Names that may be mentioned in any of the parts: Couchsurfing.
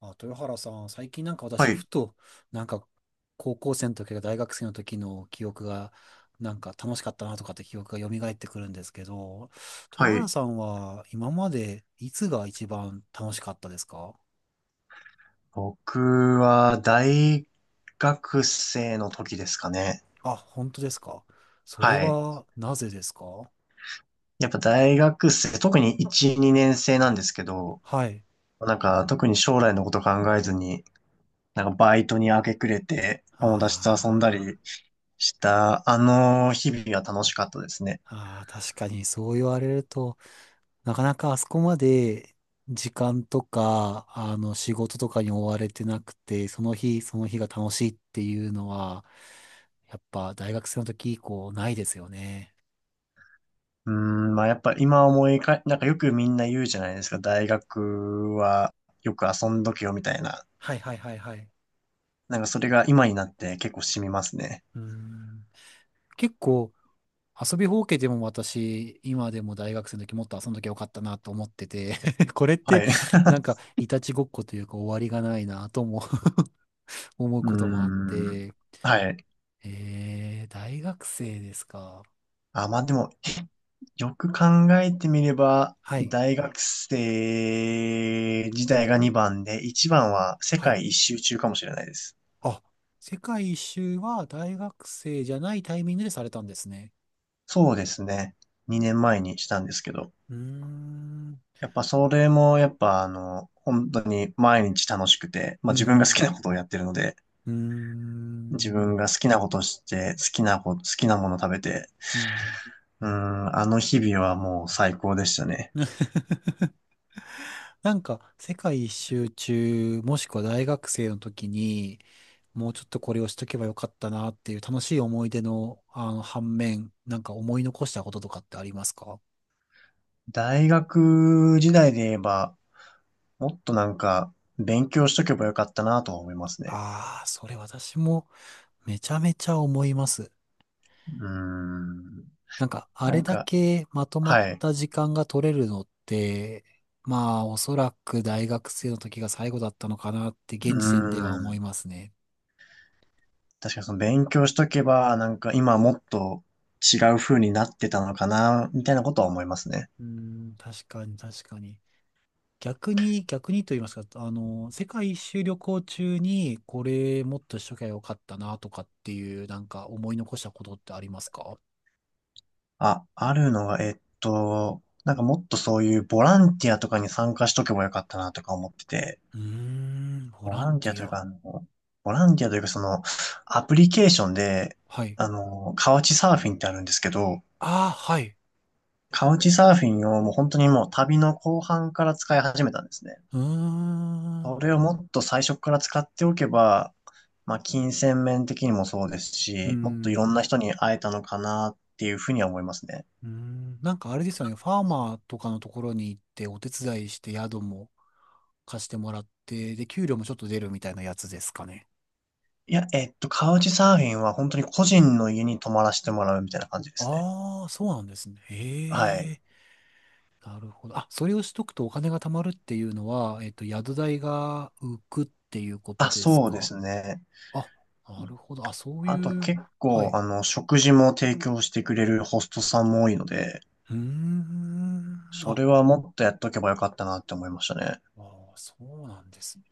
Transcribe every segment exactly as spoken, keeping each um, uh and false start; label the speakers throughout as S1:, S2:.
S1: あ、豊原さん、最近なんか
S2: は
S1: 私、
S2: い、
S1: ふと、なんか、高校生の時か大学生の時の記憶が、なんか楽しかったなとかって記憶が蘇ってくるんですけど、
S2: は
S1: 豊
S2: い。
S1: 原さんは今までいつが一番楽しかったですか？
S2: 僕は大学生の時ですかね。
S1: あ、本当ですか？それ
S2: はい。
S1: はなぜですか？
S2: やっぱ大学生、特にいち、にねん生なんですけど、
S1: はい。
S2: なんか特に将来のこと考えずに、なんかバイトに明け暮れて友達と遊んだ
S1: あ
S2: りしたあの日々は楽しかったですね。
S1: ーあー、確かにそう言われると、なかなかあそこまで時間とか、あの、仕事とかに追われてなくて、その日、その日が楽しいっていうのは、やっぱ大学生の時以降ないですよね。
S2: うーん、まあやっぱ今思いか、なんかよくみんな言うじゃないですか、大学はよく遊んどけよみたいな。
S1: はいはいはいはい。
S2: なんかそれが今になって結構染みますね。
S1: うーん。結構遊びほうけでも私、今でも大学生の時もっと遊んどきゃよかったなと思ってて、 これっ
S2: は
S1: て
S2: い。
S1: なん
S2: う
S1: かいたちごっこというか終わりがないなとも 思う
S2: ー
S1: こともあっ
S2: ん。
S1: て、
S2: はい。
S1: えー、大学生ですか？
S2: あ、まあでも、よく考えてみれば、
S1: はい。
S2: 大学生時代がにばんで、いちばんは世
S1: はい。
S2: 界一周中かもしれないです。
S1: あ、世界一周は大学生じゃないタイミングでされたんですね。
S2: そうですね。にねんまえにしたんですけど。
S1: うーん、
S2: やっぱそれも、やっぱあの、本当に毎日楽しくて、ま
S1: う
S2: あ自分が好
S1: ん、
S2: きなことをやってるので、
S1: うー
S2: 自分
S1: ん、
S2: が好きなことして、好きなこ、好きなもの食べて、
S1: うん。
S2: うーん、あの日々はもう最高でしたね。
S1: なんか、世界一周中、もしくは大学生の時に、もうちょっとこれをしとけばよかったなっていう楽しい思い出の、あの、反面、なんか思い残したこととかってありますか？
S2: 大学時代で言えば、もっとなんか、勉強しとけばよかったなとは思いますね。
S1: ああー、それ私もめちゃめちゃ思います。
S2: うーん、
S1: なんか、あ
S2: な
S1: れ
S2: ん
S1: だ
S2: か、
S1: けまとまっ
S2: はい。
S1: た時間が取れるのって、まあ、おそらく大学生の時が最後だったのかなって、
S2: うー
S1: 現時点では思い
S2: ん、
S1: ますね。
S2: 確かにその勉強しとけば、なんか今もっと違う風になってたのかな、みたいなことは思いますね。
S1: うーん、確かに、確かに。逆に、逆にと言いますか、あの、世界一周旅行中に、これもっとしときゃよかったな、とかっていう、なんか思い残したことってありますか？
S2: あ、あるのは、えっと、なんかもっとそういうボランティアとかに参加しとけばよかったなとか思ってて、
S1: うーん、ボ
S2: ボ
S1: ラ
S2: ラ
S1: ン
S2: ンテ
S1: テ
S2: ィアと
S1: ィ
S2: いうか、
S1: ア。
S2: あの、ボランティアというかその、アプリケーションで、
S1: はい。
S2: あの、カウチサーフィンってあるんですけど、
S1: ああ、はい。
S2: カウチサーフィンをもう本当にもう旅の後半から使い始めたんですね。
S1: うー
S2: それ
S1: ん。
S2: をもっと最初から使っておけば、まあ、金銭面的にもそうです
S1: うー
S2: し、もっとい
S1: ん。
S2: ろんな人に会えたのかなっていうふうには思いますね。
S1: うーん、なんかあれですよね、ファーマーとかのところに行ってお手伝いして宿も貸してもらって、で、給料もちょっと出るみたいなやつですかね。
S2: いや、えっと、カウチサーフィンは本当に個人の家に泊まらせてもらうみたいな感じですね。
S1: ああ、そうなんですね。
S2: は
S1: へ
S2: い。
S1: え、なるほど。あ、それをしとくとお金が貯まるっていうのは、えっと、宿代が浮くっていうこと
S2: あ、
S1: です
S2: そうで
S1: か？
S2: すね。
S1: あ、なるほど。あ、そうい
S2: あと
S1: う、
S2: 結
S1: は
S2: 構、
S1: い。
S2: あの、食事も提供してくれるホストさんも多いので、
S1: うーん、
S2: そ
S1: あ、
S2: れはもっとやっとけばよかったなって思いましたね。
S1: あー、そうなんですね。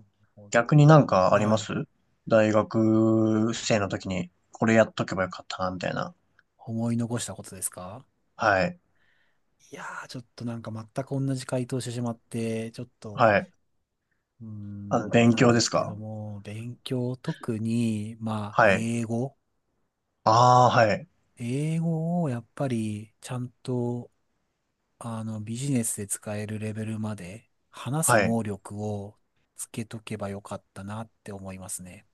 S1: なるほど。
S2: 逆になんかあり
S1: は
S2: ま
S1: い。
S2: す？大学生の時にこれやっとけばよかったな、みたいな。
S1: 思い残したことですか？
S2: はい。
S1: いやー、ちょっとなんか全く同じ回答してしまって、ちょっと、
S2: はい。
S1: うー
S2: あの、
S1: ん、あれ
S2: 勉
S1: なん
S2: 強
S1: で
S2: です
S1: すけど
S2: か？
S1: も、勉強、特に、まあ、
S2: はい。
S1: 英語。
S2: ああ、はい。
S1: 英語をやっぱり、ちゃんと、あの、ビジネスで使えるレベルまで、話す
S2: はい。
S1: 能力をつけとけばよかったなって思いますね。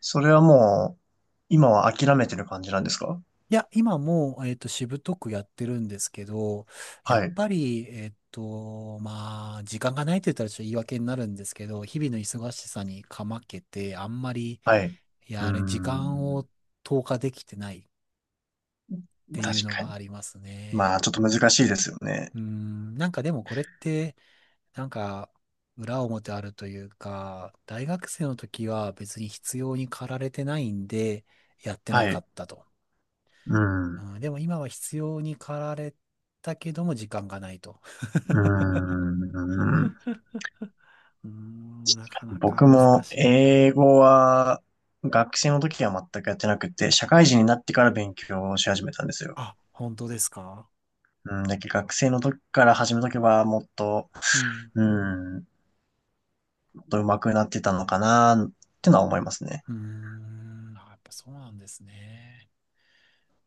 S2: それはもう、今は諦めてる感じなんですか？
S1: いや、今もう、えっと、しぶとくやってるんですけど、やっ
S2: はい。
S1: ぱり、えっと、まあ、時間がないって言ったらちょっと言い訳になるんですけど、日々の忙しさにかまけて、あんまり、
S2: はい。うー
S1: やれ、時間
S2: ん。
S1: を投下できてないっていう
S2: 確
S1: の
S2: か
S1: が
S2: に。
S1: ありますね。
S2: まあ、ちょっと難しいですよね。
S1: うーん、なんかでもこれって、なんか、裏表あるというか、大学生の時は別に必要に駆られてないんで、やってな
S2: は
S1: か
S2: い。
S1: ったと。
S2: うん。
S1: う
S2: う
S1: ん、でも今は必要に駆られたけども時間がないと。
S2: ーん。
S1: うーん、なかなか
S2: 僕
S1: 難
S2: も
S1: しい。
S2: 英語は学生の時は全くやってなくて、社会人になってから勉強し始めたんですよ。
S1: あ、本当ですか？
S2: うん。だけど学生の時から始めとけばもっと、
S1: うん。
S2: うん、もっと上手くなってたのかなってのは思いますね。
S1: うーん、あやっぱそうなんですね。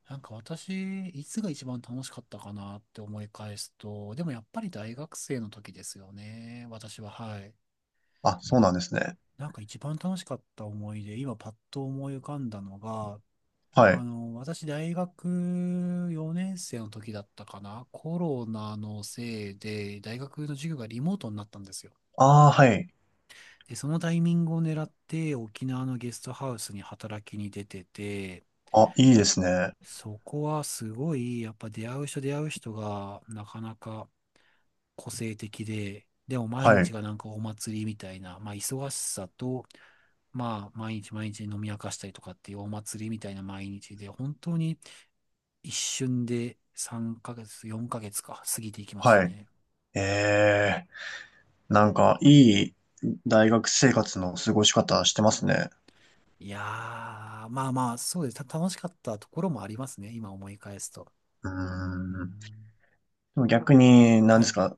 S1: なんか私、いつが一番楽しかったかなって思い返すと、でもやっぱり大学生の時ですよね。私は、はい。
S2: あ、そうなんですね。
S1: なんか一番楽しかった思い出、今パッと思い浮かんだのが、
S2: は
S1: あ
S2: い。
S1: の、私、大学よねん生の時だったかな、コロナのせいで、大学の授業がリモートになったんですよ。
S2: ああ、はい。
S1: で、そのタイミングを狙って、沖縄のゲストハウスに働きに出てて、
S2: あ、いいですね。
S1: そこはすごい、やっぱ出会う人出会う人が、なかなか個性的で、でも毎
S2: はい。
S1: 日がなんかお祭りみたいな、まあ、忙しさと、まあ、毎日毎日飲み明かしたりとかっていうお祭りみたいな毎日で、本当に、一瞬でさんかげつ、よんかげつか、過ぎていきました
S2: はい。
S1: ね。
S2: ええ、なんか、いい大学生活の過ごし方してますね。
S1: いやー、まあまあ、そうです。た楽しかったところもありますね。今思い返すと。
S2: うー
S1: うー
S2: ん。
S1: ん。
S2: でも逆に、何
S1: は
S2: です
S1: い。
S2: か、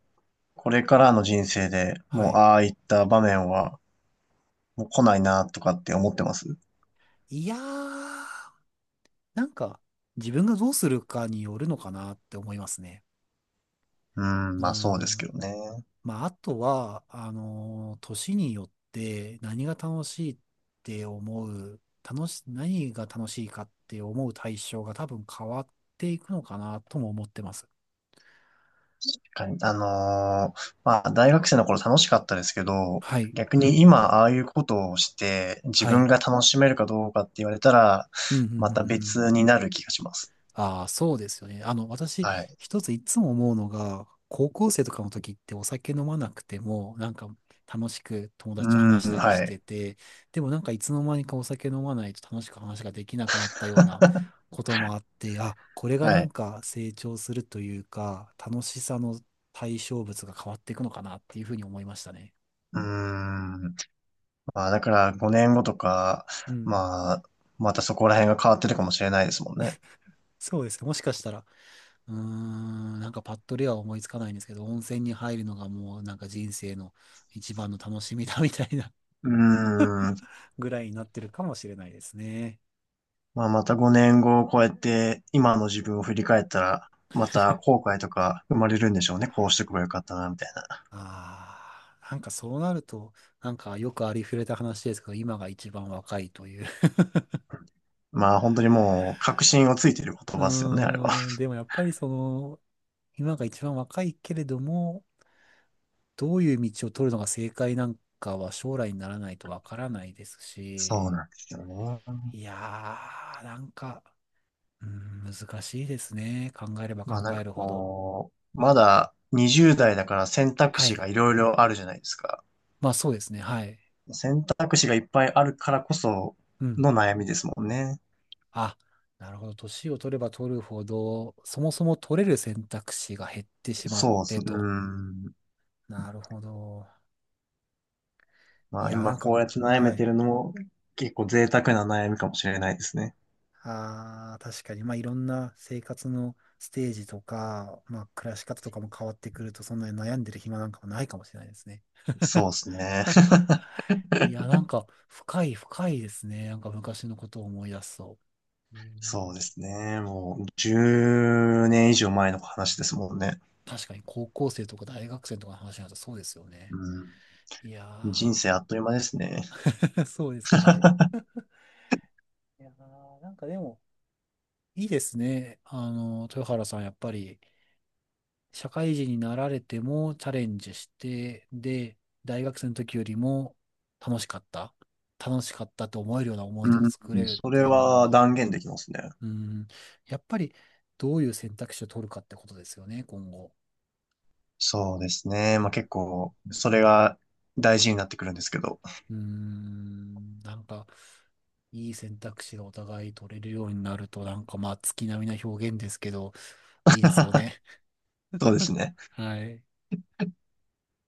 S2: これからの人生で
S1: は
S2: もう、
S1: い。
S2: ああいった場面は、もう来ないな、とかって思ってます？
S1: いやー、なんか、自分がどうするかによるのかなって思いますね。
S2: うん、
S1: うー
S2: まあそうです
S1: ん。
S2: けどね。
S1: まあ、あとは、あのー年によって何が楽しいって思う、楽し、何が楽しいかって思う対象が多分変わっていくのかなとも思ってます。
S2: 確かに。あのーまあ大学生の頃楽しかったですけど、
S1: はい。
S2: 逆に今ああいうことをして自
S1: は
S2: 分
S1: い。
S2: が楽しめるかどうかって言われたら、
S1: うん、うん、うん、うんう
S2: また
S1: ん。
S2: 別になる気がします。
S1: ああ、そうですよね。あの、私、
S2: はい。
S1: 一ついつも思うのが、高校生とかの時ってお酒飲まなくても、なんか楽しく友
S2: う
S1: 達と話し
S2: ん、
S1: たりし
S2: はい。
S1: てて、でもなんかいつの間にかお酒飲まないと楽しく話ができなくなったようなこともあって、あ、これが
S2: は
S1: なん
S2: い。
S1: か成長するというか、楽しさの対象物が変わっていくのかなっていうふうに思いましたね。
S2: うん。まあ、だからごねんごとか、
S1: うん。
S2: まあ、またそこら辺が変わってるかもしれないですもんね。
S1: そうですね。もしかしたら、うーん、なんかパッとでは思いつかないんですけど、温泉に入るのがもうなんか人生の一番の楽しみだみたいな
S2: うーん。
S1: ぐらいになってるかもしれないですね。
S2: まあ、またごねんごを超えて今の自分を振り返ったら、また後悔とか生まれるんでしょうね。こうしておけばよかったな、みたいな。
S1: ああ、なんかそうなると、なんかよくありふれた話ですけど、今が一番若いという。
S2: まあ、本当にもう確信をついてる言
S1: う
S2: 葉ですよね、あれは。
S1: ーん、でもやっぱりその、今が一番若いけれども、どういう道を取るのが正解なんかは将来にならないとわからないです
S2: そう
S1: し、
S2: なんですよね。
S1: いやー、なんか、うん、難しいですね。考えれば
S2: まあ、
S1: 考
S2: なん
S1: え
S2: か
S1: るほど。
S2: こう、まだにじゅう代だから選択
S1: は
S2: 肢
S1: い。
S2: がいろいろあるじゃないですか。
S1: まあそうですね。はい。
S2: 選択肢がいっぱいあるからこそ
S1: うん。
S2: の悩みですもんね。
S1: あ、なるほど。年を取れば取るほど、そもそも取れる選択肢が減ってしまっ
S2: そうっす
S1: て
S2: ね。うー
S1: と。
S2: ん。
S1: なるほど。
S2: ま
S1: い
S2: あ
S1: や、な
S2: 今
S1: ん
S2: こ
S1: か、
S2: うやって悩
S1: は
S2: めて
S1: い。
S2: るのも結構贅沢な悩みかもしれないですね。
S1: ああ、確かに。まあいろんな生活のステージとか、まあ暮らし方とかも変わってくると、そんなに悩んでる暇なんかもないかもしれないですね。
S2: そうですね。
S1: いや、なんか深い深いですね。なんか昔のことを思い出すと。う
S2: そう
S1: ん。
S2: ですね。もうじゅうねん以上前の話ですもんね。
S1: 確かに高校生とか大学生とかの話になるとそうですよね。
S2: う
S1: い
S2: ん。人
S1: や
S2: 生あっという間ですね。
S1: ー、そうですね。いやー、なんかでも、いいですね。あの、豊原さん、やっぱり、社会人になられてもチャレンジして、で、大学生の時よりも楽しかった。楽しかったと思えるような思い出を作
S2: う
S1: れ
S2: ん。
S1: るっ
S2: そ
S1: て
S2: れ
S1: いうの
S2: は
S1: は、
S2: 断言できますね。
S1: うん、やっぱり、どういう選択肢を取るかってことですよね、今後。
S2: そうですね。
S1: う
S2: まあ
S1: ん。
S2: 結構、それが大事になってくるんですけど。
S1: うーん、なんか、いい選択肢がお互い取れるようになると、なんかまあ、月並みな表現ですけど、いいですよ ね。
S2: そうですね。
S1: はい。